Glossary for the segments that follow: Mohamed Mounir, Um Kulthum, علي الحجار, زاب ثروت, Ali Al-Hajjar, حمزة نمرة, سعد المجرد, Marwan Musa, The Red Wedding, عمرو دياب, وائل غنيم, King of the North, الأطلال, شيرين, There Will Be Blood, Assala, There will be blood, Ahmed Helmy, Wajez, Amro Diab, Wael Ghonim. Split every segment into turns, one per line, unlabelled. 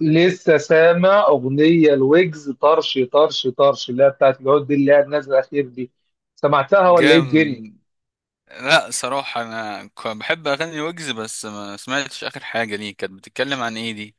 لسه سامع اغنيه الويجز طرش طرش طرش اللي هي بتاعت العود دي اللي هي نازله الاخير دي. سمعتها ولا ايه
جام.
الدنيا؟
لا، صراحة أنا بحب أغني ويجز، بس ما سمعتش آخر حاجة ليه، كانت بتتكلم عن إيه دي؟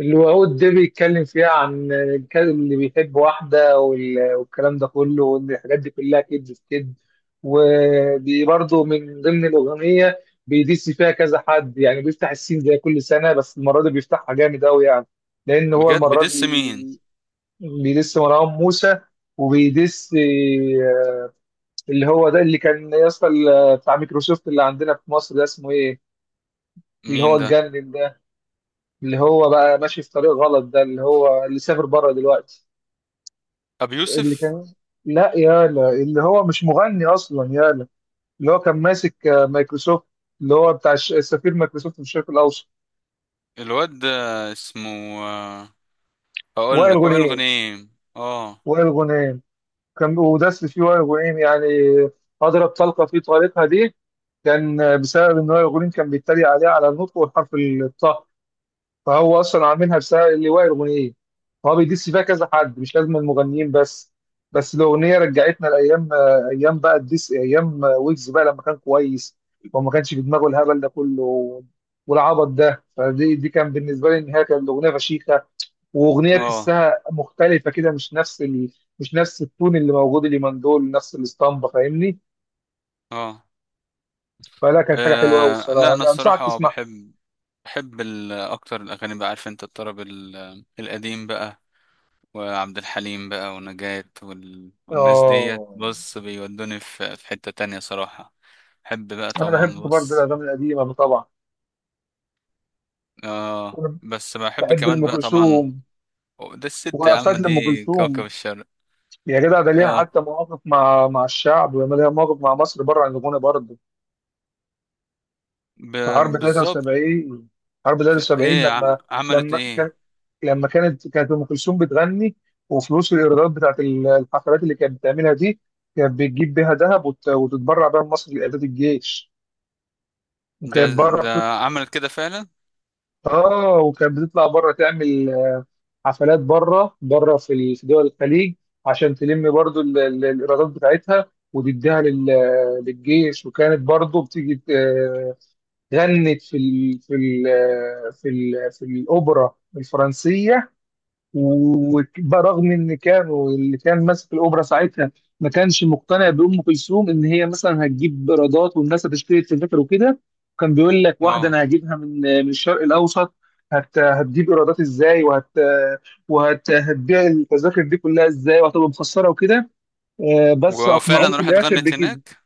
اللي هو العود ده بيتكلم فيها عن الكلب اللي بيحب واحده والكلام ده كله، وان الحاجات دي كلها كدب في كدب. ودي برضه من ضمن الاغنيه. بيدس فيها كذا حد، يعني بيفتح السين زي كل سنه، بس المره دي بيفتحها جامد قوي يعني. لان هو
بجد؟
المره
بدس مين؟
دي بيدس مروان موسى، وبيدس اللي هو ده اللي كان يا اسطى، بتاع مايكروسوفت اللي عندنا في مصر ده اسمه ايه. اللي
مين
هو
ده؟
اتجنن ده، اللي هو بقى ماشي في طريق غلط ده، اللي هو اللي سافر بره دلوقتي.
أبي
اللي
يوسف.
كان، لا يالا اللي هو مش مغني اصلا يالا. اللي هو كان ماسك مايكروسوفت، اللي هو بتاع سفير مايكروسوفت في الشرق الاوسط.
الواد ده اسمه آه، هقول
وائل
لك، وائل
غنيم،
غنيم. اه.
وائل غنيم. كان ودس فيه وائل غنيم يعني، اضرب طلقه في طريقها دي. كان بسبب ان وائل غنيم كان بيتريق عليه على النطق، والحرف الطاء. فهو اصلا عاملها بسبب اللواء الاغنيه، فهو بيدس فيها كذا حد مش لازم المغنيين بس. بس الاغنيه رجعتنا لايام، ايام بقى الدس، ايام ويجز بقى لما كان كويس، وما كانش في دماغه الهبل ده كله والعبط ده. فدي كان بالنسبه لي ان هي كانت الاغنيه فشيخه، واغنيه
اه
تحسها مختلفه كده، مش نفس مش نفس التون اللي موجود اليومين دول، نفس الاسطمبه، فاهمني.
اه
فلا، كانت حاجه حلوه قوي
لا،
الصراحه،
أنا
أنا انصحك
الصراحة
تسمعها.
بحب. بحب أكتر الأغاني بقى، عارف أنت، الطرب القديم بقى، وعبد الحليم بقى ونجاة والناس ديت،
اه،
بص، بيودوني في حتة تانية صراحة. بحب بقى
انا
طبعا،
بحب برضه
بص.
الاغاني القديمه طبعا.
اه، بس بحب
بحب
كمان
ام
بقى طبعا.
كلثوم،
ده الست يا عم،
وقفات لام
دي كوكب
كلثوم.
الشرق.
يا جدع، ده ليها
اه.
حتى مواقف مع الشعب، ولما ليها مواقف مع مصر بره عن الغنى برضه.
ب...
في حرب
بالظبط.
73، حرب 73
ايه، عملت
لما كان،
ايه؟
لما كانت ام كلثوم بتغني، وفلوس الايرادات بتاعت الحفلات اللي كانت بتعملها دي، كانت بتجيب بيها ذهب وتتبرع بيها لمصر لاعداد الجيش.
ده
وكانت بره بتطلع.
ده عملت كده فعلا؟
اه، وكانت بتطلع بره تعمل حفلات بره في في دول الخليج، عشان تلم برضو الايرادات بتاعتها وتديها للجيش. وكانت برضو بتيجي غنت في الاوبرا الفرنسيه. وبرغم ان كانوا، اللي كان ماسك الاوبرا ساعتها ما كانش مقتنع بام كلثوم ان هي مثلا هتجيب ايرادات والناس هتشتري التذاكر وكده. كان بيقول لك واحده
اه.
انا هجيبها من الشرق الاوسط، هتجيب ايرادات ازاي، هتبيع التذاكر دي كلها ازاي، وهتبقى مخسره وكده. بس اقنعوه
وفعلا
في
راحت
الاخر
غنت
بكده.
هناك؟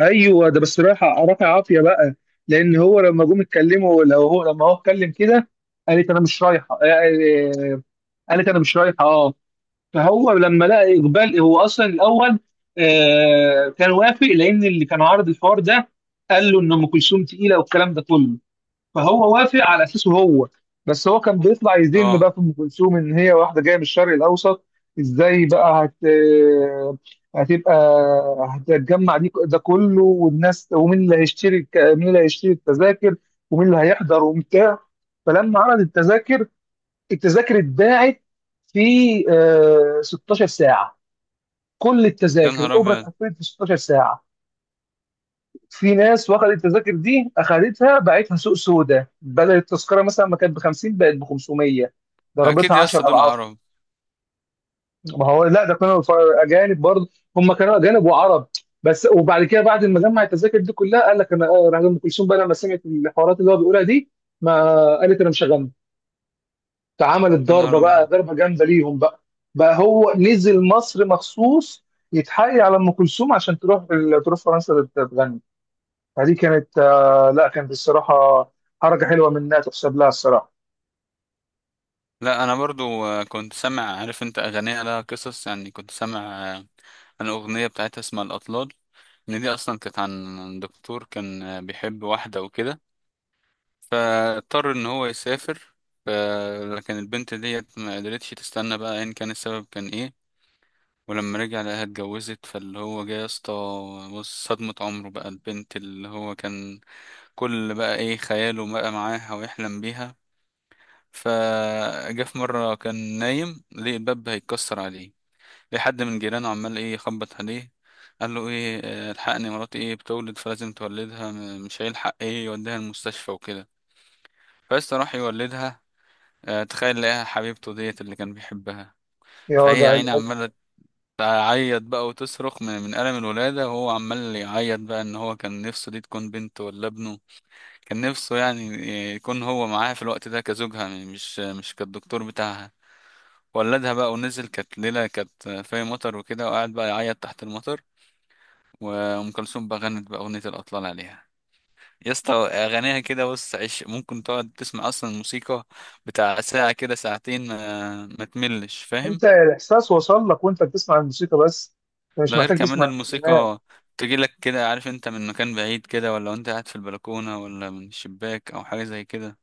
ايوه، ده بس رايحه رافع عافيه بقى، لان هو لما جم اتكلموا، لو هو لما هو اتكلم كده قالت انا مش رايحه. قالت انا مش رايحه، اه. فهو لما لقى اقبال، هو اصلا الاول آه كان وافق، لان اللي كان عارض الحوار ده قال له ان ام كلثوم تقيله والكلام ده كله، فهو وافق على اساسه هو. بس هو كان بيطلع يذم
اه.
بقى في ام كلثوم، ان هي واحده جايه من الشرق الاوسط، ازاي بقى هت آه، هتبقى، هتتجمع دي ده كله، والناس، ومين اللي هيشتري مين اللي هيشتري التذاكر، ومين اللي هيحضر وبتاع. فلما عرض التذاكر، التذاكر اتباعت في 16 ساعه، كل
يا
التذاكر
نهار
الاوبرا
ابيض.
اتقفلت في 16 ساعه. في ناس واخدت التذاكر دي، اخدتها باعتها سوق سودا، بدل التذكره مثلا ما كانت ب 50، بقت ب 500،
اكيد
ضربتها
يا اسطى،
10
دول
اضعاف.
عرب.
ما هو لا، ده كانوا اجانب برضه، هم كانوا اجانب وعرب بس. وبعد كده، بعد ما جمع التذاكر دي كلها، قال لك انا راح ام كلثوم بقى لما سمعت الحوارات اللي هو بيقولها دي، ما قالت انا مش هغني. اتعملت
يا نهار
ضربه بقى،
ابيض.
ضربه جامده ليهم بقى. بقى هو نزل مصر مخصوص يتحايل على ام كلثوم عشان تروح فرنسا تغني. فدي كانت آه، لا كانت الصراحه حركه حلوه منها، تحسب لها الصراحه.
لا، انا برضو كنت سامع، عارف انت، اغانيها لها قصص يعني، كنت سامع آه، عن اغنيه بتاعتها اسمها الاطلال، ان دي اصلا كانت عن دكتور، كان بيحب واحده وكده، فاضطر ان هو يسافر. ف- لكن البنت ديت ما قدرتش تستنى بقى، ان كان السبب كان ايه. ولما رجع لقاها اتجوزت، فاللي هو جه يا اسطى، بص صدمة عمره بقى، البنت اللي هو كان كل بقى ايه خياله بقى معاها ويحلم بيها. فجاء في مرة كان نايم لقي الباب هيتكسر عليه، لقي حد من جيرانه عمال ايه يخبط عليه، قال له ايه الحقني مراتي ايه بتولد، فلازم تولدها، مش هيلحق ايه يوديها المستشفى وكده. فبس راح يولدها، تخيل لقاها حبيبته ديت اللي كان بيحبها.
يا
فهي يا
وجع
عيني
القلب.
عمالة تعيط بقى وتصرخ من ألم الولادة، وهو عمال يعيط بقى، إن هو كان نفسه دي تكون بنته ولا ابنه، كان نفسه يعني يكون هو معاها في الوقت ده كزوجها، مش كالدكتور بتاعها. ولدها بقى ونزل، كانت ليلة كانت في مطر وكده، وقعد بقى يعيط تحت المطر. وأم كلثوم بقى غنت بقى أغنية الأطلال عليها. يا اسطى أغانيها كده، بص عيش، ممكن تقعد تسمع أصلا الموسيقى بتاع ساعة كده، ساعتين، ما تملش، فاهم؟
انت الاحساس وصل لك وانت بتسمع الموسيقى بس، أنت مش
ده غير
محتاج
كمان
تسمع الكلمات.
الموسيقى تجيلك كده، عارف انت، من مكان بعيد كده، ولا انت قاعد في البلكونة، ولا من الشباك أو حاجة زي كده.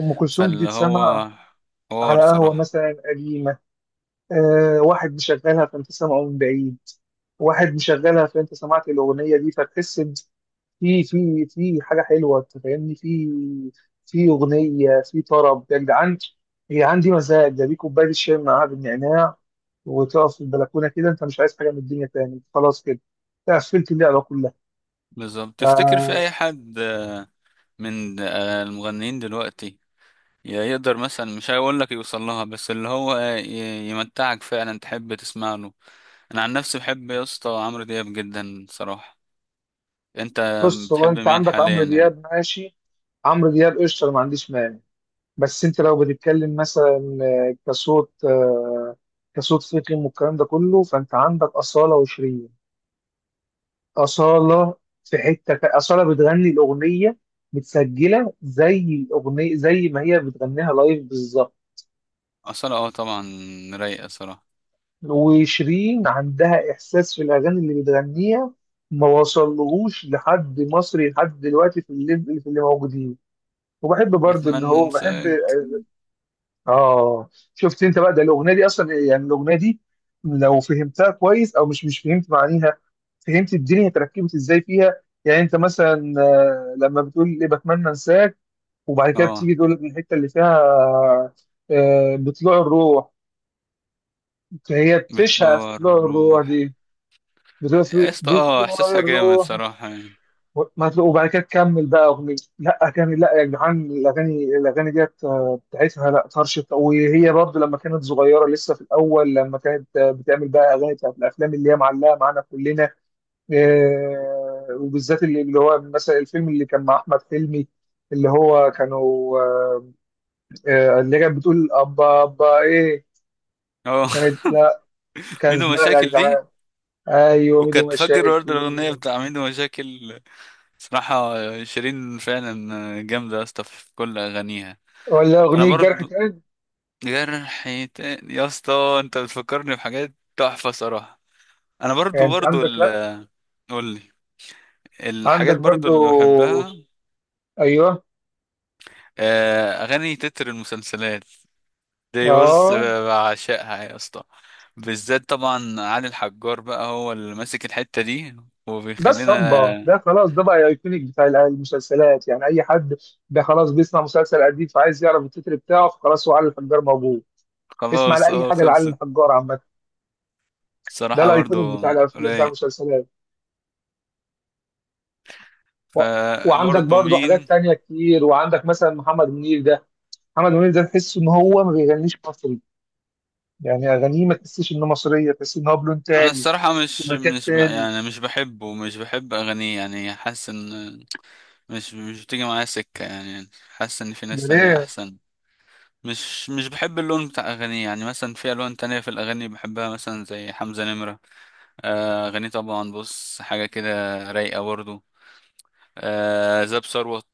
ام كلثوم دي
فاللي
تسمع
هو
على
حوار
قهوه
صراحة.
مثلا قديمه، آه واحد مشغلها فانت سامعه من بعيد، واحد مشغلها فانت سمعت الاغنيه دي، فتحس في حاجه حلوه، أنت فاهمني، في في اغنيه، في طرب يا جدعان. هي عندي مزاج ده، بيه كوبايه الشاي معاها بالنعناع، وتقف في البلكونه كده، انت مش عايز حاجه من الدنيا تاني، أنت خلاص كده، أنت قفلت اللعبه كلها.
بالظبط.
ف-
تفتكر في أي حد من المغنيين دلوقتي يقدر مثلا، مش هيقول لك يوصل لها، بس اللي هو يمتعك فعلا تحب تسمع له؟ انا عن نفسي بحب يا اسطى عمرو دياب جدا صراحة. انت
بص، هو
بتحب
انت
مين
عندك
حاليا
عمرو
يعني؟
دياب ماشي، عمرو دياب قشطه، أنا ما عنديش مانع. بس انت لو بتتكلم مثلا كصوت، كصوت فيكم والكلام ده كله، فانت عندك اصاله وشيرين. أصالة، في حتة أصالة بتغني الأغنية متسجلة زي الأغنية زي ما هي بتغنيها لايف بالظبط.
اصلا اه طبعا، رايقة صراحة.
وشيرين عندها إحساس في الأغاني اللي بتغنيها، ما وصلهوش لحد مصري لحد دلوقتي في الليفل، في اللي موجودين. وبحب برضه إن
بتمنى
هو بحب.
انساك.
آه. شفت أنت بقى، ده الأغنية دي أصلا، يعني الأغنية دي لو فهمتها كويس، أو مش فهمت معانيها، فهمت الدنيا تركبت إزاي فيها. يعني أنت مثلا، لما بتقول إيه، بتمنى أنساك، وبعد كده
اه،
بتيجي تقول لك من الحته اللي فيها بطلوع الروح، فهي بتشهق في
بتلوع
طلوع الروح
الروح.
دي. بتقول
يا اسطى، اه
بطلوع
احساسها جامد
الروح.
صراحة يعني.
و- ما تلاقوا- وبعد كده تكمل بقى اغنيه، لا اغاني، لا يا جدعان، الاغاني ديت بتاعتها، لا طرشت، وهي برضو لما كانت صغيره لسه في الاول لما كانت بتعمل بقى اغاني بتاعت الافلام اللي هي معلقه معانا كلنا. وبالذات اللي هو مثلا الفيلم اللي كان مع احمد حلمي، اللي هو كانوا اللي كانت بتقول أبا أبا إيه.
اه.
كانت لا، كانت
ميدو
لا يا
مشاكل دي.
جدعان. أيوه، ميدو
وكنت فاكر
مشاكل.
برضه الاغنية بتاع ميدو مشاكل، صراحة شيرين فعلا جامدة يا اسطى في كل اغانيها.
ولا
انا
أغنية جرح
برضه.
تاني،
جرح تاني يا اسطى، انت بتفكرني بحاجات تحفة صراحة. انا
يعني
برضو
أنت
برضو
عندك، لا
قولي.
عندك
الحاجات برضو
برضو.
اللي بحبها.
أيوه.
اغاني تتر المسلسلات دي، بص،
أه،
بعشقها يا اسطى، بالذات طبعا علي الحجار بقى، هو اللي ماسك الحتة دي
ده
وبيخلينا.
الصمبا ده خلاص، ده بقى ايكونيك بتاع المسلسلات. يعني اي حد ده خلاص بيسمع مسلسل قديم فعايز يعرف التتر بتاعه، فخلاص هو علي الحجار موجود. اسمع
خلاص
لاي
اه،
حاجه لعلي
خلصت.
الحجار عامه، ده
صراحة برضو
الايكونيك بتاع بتاع
رايق.
المسلسلات. و- وعندك
فبرضو
برضو حاجات
مين؟
تانية كتير، وعندك مثلا محمد منير ده، محمد منير ده تحس ان هو ما بيغنيش مصري، يعني اغانيه ما تحسش انه مصريه، تحس ان هو بلون
انا
تاني،
الصراحة
في
مش
مكان
مش
تاني.
يعني مش بحبه، مش بحب اغانيه يعني، حاسس ان. مش بتيجي معايا سكة يعني، حاسس ان في ناس
ده
تانية
ليه؟
احسن. مش بحب اللون بتاع اغانيه يعني، مثلا في الوان تانية في الاغاني بحبها، مثلا زي حمزة نمرة. اغانيه طبعا، بص حاجة كده رايقة برضه. زاب ثروت.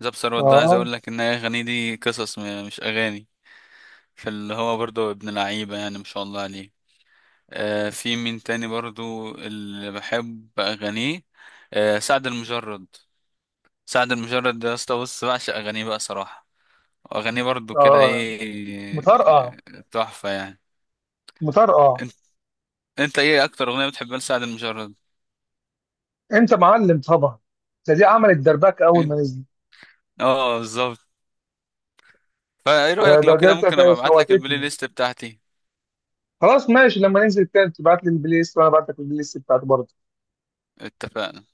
زاب ثروت ده عايز
اه.
اقول لك، ان هي اغانيه دي قصص، مش اغاني. فاللي هو برضه ابن لعيبة يعني ما شاء الله عليه. في مين تاني برضه اللي بحب اغانيه؟ سعد المجرد. سعد المجرد ده يا اسطى، بص بعشق اغانيه بقى صراحة. اغانيه برضو كده،
اه
ايه،
مطرقع،
تحفه يعني.
مطرقع.
انت انت ايه اكتر اغنيه بتحبها لسعد المجرد؟
انت معلم طبعا، ده دي عملت دربك اول ما
انت.
نزل.
اه بالظبط. فايه
ده
رايك
ده
لو
ده
كده،
ده
ممكن ابقى
كانت
ابعت لك البلاي
فوتتني.
ليست بتاعتي.
خلاص ماشي، لما ننزل تاني تبعت لي البلاي ليست، وانا بعت لك البلاي ليست بتاعتي برضه.
اتفقنا.